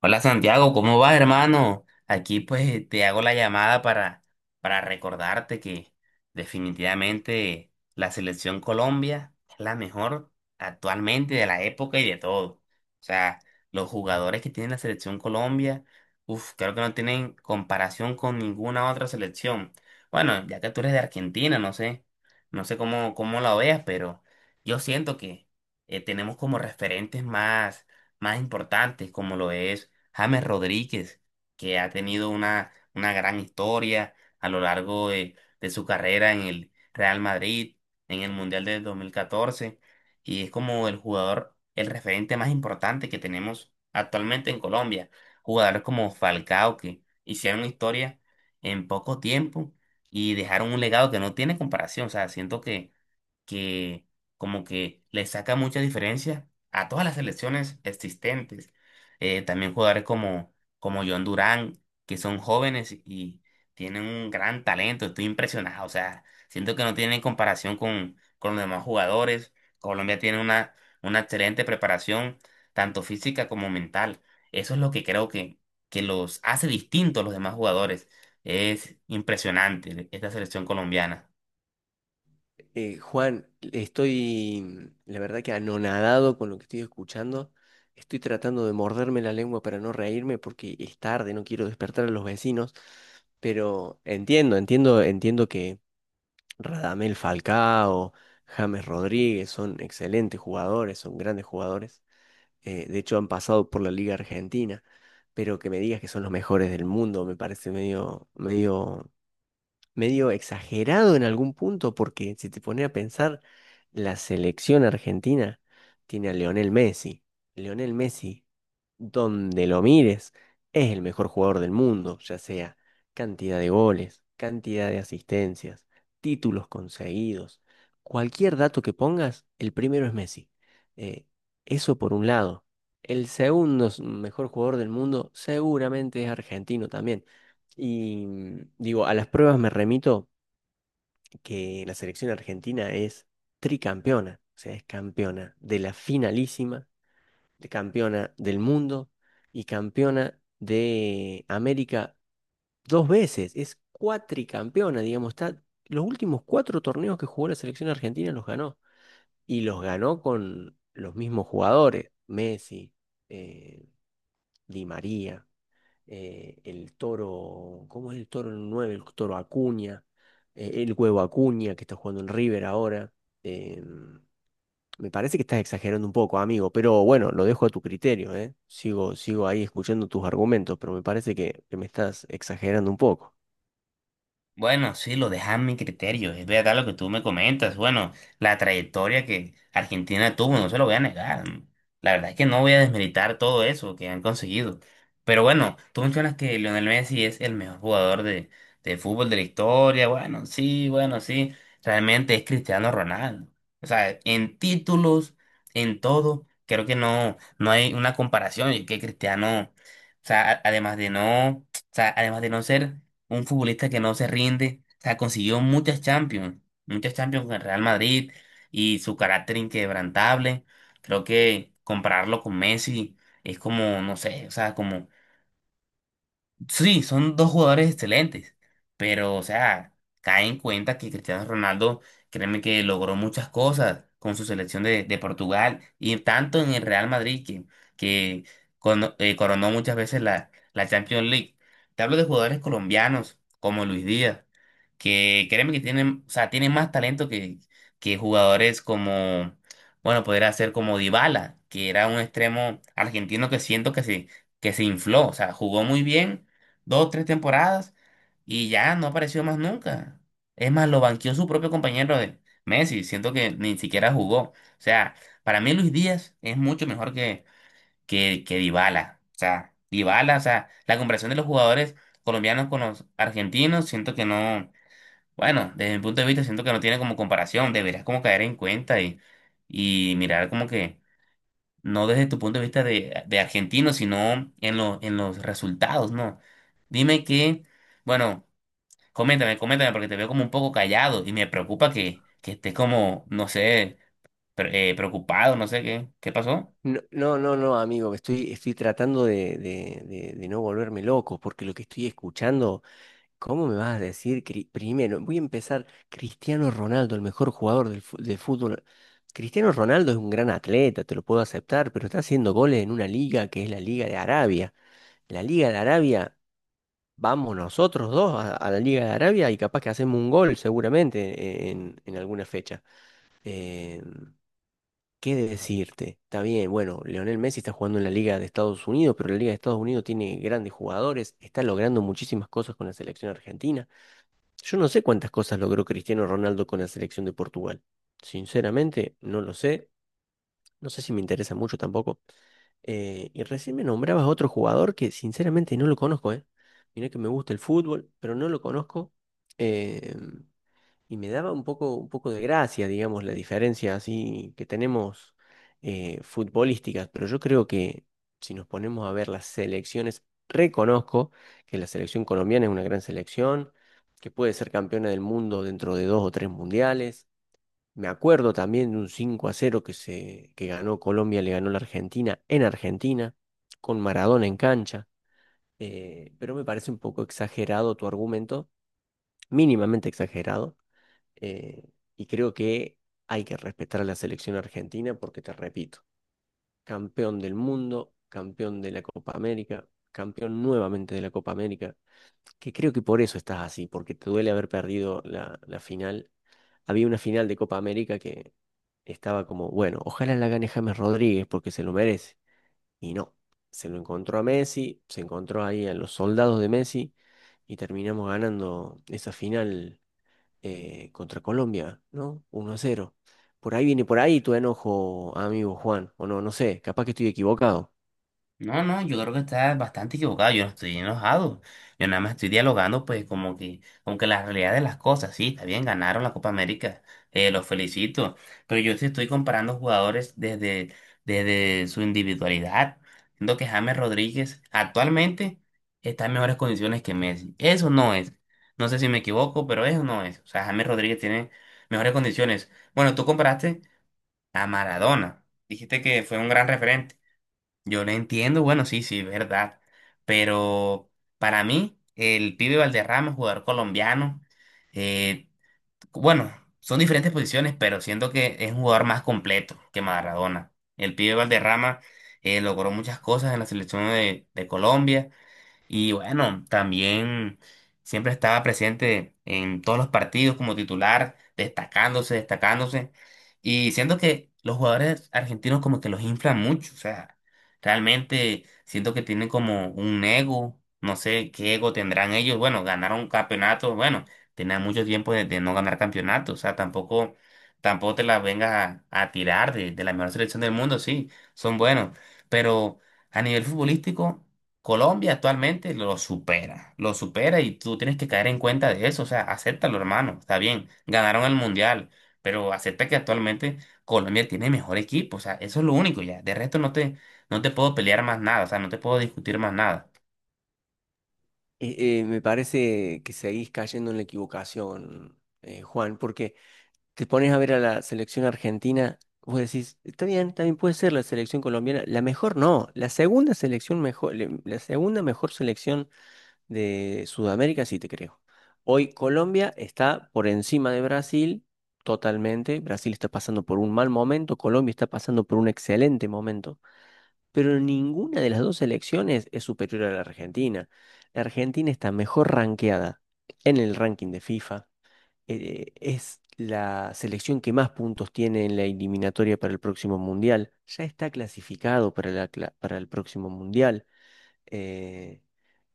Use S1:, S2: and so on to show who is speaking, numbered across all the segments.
S1: Hola Santiago, ¿cómo vas, hermano? Aquí pues te hago la llamada para recordarte que definitivamente la selección Colombia es la mejor actualmente de la época y de todo. O sea, los jugadores que tiene la selección Colombia, uff, creo que no tienen comparación con ninguna otra selección. Bueno, ya que tú eres de Argentina, no sé, no sé cómo la veas, pero yo siento que tenemos como referentes más importantes como lo es. James Rodríguez, que ha tenido una gran historia a lo largo de su carrera en el Real Madrid, en el Mundial del 2014, y es como el jugador, el referente más importante que tenemos actualmente en Colombia. Jugadores como Falcao, que hicieron historia en poco tiempo y dejaron un legado que no tiene comparación. O sea, siento que que como que le saca mucha diferencia a todas las selecciones existentes. También jugadores como John Durán, que son jóvenes y tienen un gran talento. Estoy impresionado. O sea, siento que no tienen comparación con los demás jugadores. Colombia tiene una excelente preparación, tanto física como mental. Eso es lo que creo que los hace distintos a los demás jugadores. Es impresionante esta selección colombiana.
S2: Juan, estoy, la verdad que anonadado con lo que estoy escuchando. Estoy tratando de morderme la lengua para no reírme porque es tarde, no quiero despertar a los vecinos, pero entiendo que Radamel Falcao, James Rodríguez son excelentes jugadores, son grandes jugadores. De hecho, han pasado por la Liga Argentina, pero que me digas que son los mejores del mundo me parece medio exagerado en algún punto, porque si te pones a pensar, la selección argentina tiene a Lionel Messi. Lionel Messi, donde lo mires, es el mejor jugador del mundo, ya sea cantidad de goles, cantidad de asistencias, títulos conseguidos. Cualquier dato que pongas, el primero es Messi. Eh, Eso por un lado. El segundo mejor jugador del mundo seguramente es argentino también. Y digo, a las pruebas me remito que la selección argentina es tricampeona, o sea, es campeona de la finalísima, de campeona del mundo y campeona de América dos veces, es cuatricampeona, digamos, está, los últimos cuatro torneos que jugó la selección argentina los ganó y los ganó con los mismos jugadores, Messi, eh, Di María, el toro, ¿cómo es el toro 9? El toro Acuña, el huevo Acuña, que está jugando en River ahora. Eh, Me parece que estás exagerando un poco, amigo, pero bueno, lo dejo a tu criterio, ¿eh? Sigo, sigo ahí escuchando tus argumentos, pero me parece que me estás exagerando un poco.
S1: Bueno, sí, lo dejas a mi criterio, es verdad lo que tú me comentas. Bueno, la trayectoria que Argentina tuvo, no se lo voy a negar. La verdad es que no voy a desmeritar todo eso que han conseguido. Pero bueno, tú mencionas que Lionel Messi es el mejor jugador de fútbol de la historia. Bueno, sí, bueno, sí. Realmente es Cristiano Ronaldo. O sea, en títulos, en todo, creo que no, no hay una comparación. Y que Cristiano, o sea, además de no ser un futbolista que no se rinde, o sea, consiguió muchas Champions con el Real Madrid y su carácter inquebrantable. Creo que compararlo con Messi es como, no sé, o sea, como sí, son dos jugadores excelentes, pero, o sea, cae en cuenta que Cristiano Ronaldo, créeme que logró muchas cosas con su selección de Portugal y tanto en el Real Madrid que coronó muchas veces la Champions League. Te hablo de jugadores colombianos como Luis Díaz, que créeme que tienen, o sea, tienen más talento que jugadores como, bueno, podría ser como Dybala, que era un extremo argentino que siento que se infló, o sea, jugó muy bien dos, tres temporadas y ya no apareció más nunca. Es más, lo banqueó su propio compañero de Messi, siento que ni siquiera jugó. O sea, para mí Luis Díaz es mucho mejor que Dybala. O sea, Dybala, o sea, la comparación de los jugadores colombianos con los argentinos, siento que no, bueno, desde mi punto de vista siento que no tiene como comparación, deberías como caer en cuenta y mirar como que no desde tu punto de vista de argentino, sino en, en los resultados, ¿no? Dime que, bueno, coméntame, coméntame, porque te veo como un poco callado y me preocupa que estés como, no sé, preocupado, no sé qué, ¿qué pasó?
S2: No, no, no, no, amigo, estoy tratando de no volverme loco, porque lo que estoy escuchando. ¿Cómo me vas a decir primero? Voy a empezar. Cristiano Ronaldo, el mejor jugador de fútbol. Cristiano Ronaldo es un gran atleta, te lo puedo aceptar, pero está haciendo goles en una liga que es la Liga de Arabia. La Liga de Arabia, vamos nosotros dos a la Liga de Arabia y capaz que hacemos un gol seguramente en alguna fecha. Eh, ¿Qué decirte? Está bien, bueno, Lionel Messi está jugando en la Liga de Estados Unidos, pero la Liga de Estados Unidos tiene grandes jugadores, está logrando muchísimas cosas con la selección argentina. Yo no sé cuántas cosas logró Cristiano Ronaldo con la selección de Portugal. Sinceramente, no lo sé. No sé si me interesa mucho tampoco. Y recién me nombrabas a otro jugador que sinceramente no lo conozco, ¿eh? Mirá que me gusta el fútbol, pero no lo conozco. Eh, y me daba un poco de gracia, digamos, la diferencia así que tenemos futbolísticas, pero yo creo que si nos ponemos a ver las selecciones, reconozco que la selección colombiana es una gran selección, que puede ser campeona del mundo dentro de dos o tres mundiales. Me acuerdo también de un 5-0 que que ganó Colombia, le ganó la Argentina en Argentina, con Maradona en cancha. Pero me parece un poco exagerado tu argumento, mínimamente exagerado, eh, y creo que hay que respetar a la selección argentina porque, te repito, campeón del mundo, campeón de la Copa América, campeón nuevamente de la Copa América, que creo que por eso estás así, porque te duele haber perdido la final. Había una final de Copa América que estaba como, bueno, ojalá la gane James Rodríguez porque se lo merece. Y no, se lo encontró a Messi, se encontró ahí a los soldados de Messi y terminamos ganando esa final contra Colombia, ¿no? 1-0. Por ahí viene por ahí tu enojo, amigo Juan, o no, no sé, capaz que estoy equivocado.
S1: No, no, yo creo que estás bastante equivocado, yo no estoy enojado, yo nada más estoy dialogando pues como que la realidad de las cosas, sí, está bien, ganaron la Copa América, los felicito, pero yo te estoy comparando jugadores desde su individualidad, siendo que James Rodríguez actualmente está en mejores condiciones que Messi, eso no es, no sé si me equivoco, pero eso no es, o sea, James Rodríguez tiene mejores condiciones. Bueno, tú comparaste a Maradona, dijiste que fue un gran referente. Yo lo entiendo, bueno, sí, sí, verdad. Pero para mí, el pibe Valderrama, jugador colombiano, eh, bueno, son diferentes posiciones, pero siento que es un jugador más completo que Maradona. El pibe Valderrama logró muchas cosas en la selección de Colombia y bueno, también siempre estaba presente en todos los partidos como titular, destacándose, destacándose. Y siento que los jugadores argentinos como que los inflan mucho. O sea, realmente siento que tienen como un ego. No sé qué ego tendrán ellos. Bueno, ganaron campeonatos. Bueno, tenían mucho tiempo de no ganar campeonatos. O sea, tampoco, tampoco te las vengas a tirar de la mejor selección del mundo. Sí, son buenos. Pero a nivel futbolístico. Colombia actualmente lo supera y tú tienes que caer en cuenta de eso, o sea, acéptalo, hermano, está bien, ganaron el mundial, pero acepta que actualmente Colombia tiene mejor equipo, o sea, eso es lo único ya, de resto no te, no te puedo pelear más nada, o sea, no te puedo discutir más nada.
S2: Me parece que seguís cayendo en la equivocación, Juan, porque te pones a ver a la selección argentina, vos decís, está bien, también puede ser la selección colombiana, la mejor no, la segunda selección mejor, la segunda mejor selección de Sudamérica, sí te creo. Hoy Colombia está por encima de Brasil totalmente. Brasil está pasando por un mal momento, Colombia está pasando por un excelente momento, pero ninguna de las dos selecciones es superior a la Argentina. La Argentina está mejor rankeada en el ranking de FIFA. Es la selección que más puntos tiene en la eliminatoria para el próximo mundial. Ya está clasificado para la para el próximo mundial. eh,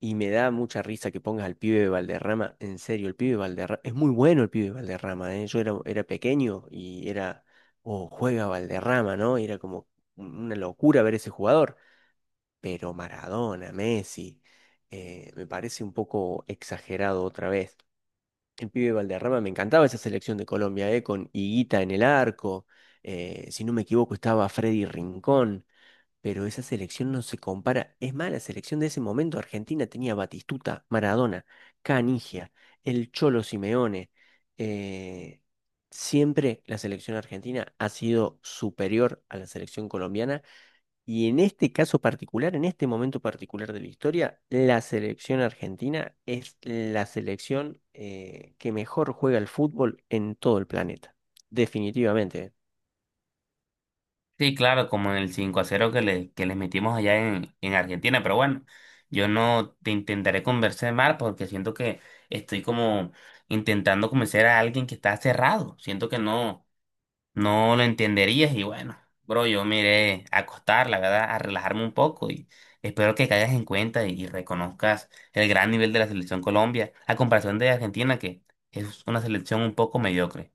S2: y me da mucha risa que pongas al pibe de Valderrama. En serio, el pibe de Valderrama. Es muy bueno el pibe de Valderrama, ¿eh? Yo era pequeño y era. Oh, juega Valderrama, ¿no? Y era como una locura ver ese jugador. Pero Maradona, Messi, me parece un poco exagerado otra vez. El pibe de Valderrama, me encantaba esa selección de Colombia, ¿eh? Con Higuita en el arco. Si no me equivoco, estaba Freddy Rincón. Pero esa selección no se compara. Es más, la selección de ese momento, Argentina tenía Batistuta, Maradona, Canigia, el Cholo Simeone. eh, Siempre la selección argentina ha sido superior a la selección colombiana. Y en este caso particular, en este momento particular de la historia, la selección argentina es la selección que mejor juega al fútbol en todo el planeta. Definitivamente. ¿Eh?
S1: Sí, claro, como en el 5-0 que le, que les metimos allá en Argentina, pero bueno, yo no te intentaré convencer mal porque siento que estoy como intentando convencer a alguien que está cerrado, siento que no. No lo entenderías y bueno, bro, yo me iré a acostar, la verdad, a relajarme un poco y espero que caigas en cuenta y reconozcas el gran nivel de la selección Colombia a comparación de Argentina, que es una selección un poco mediocre.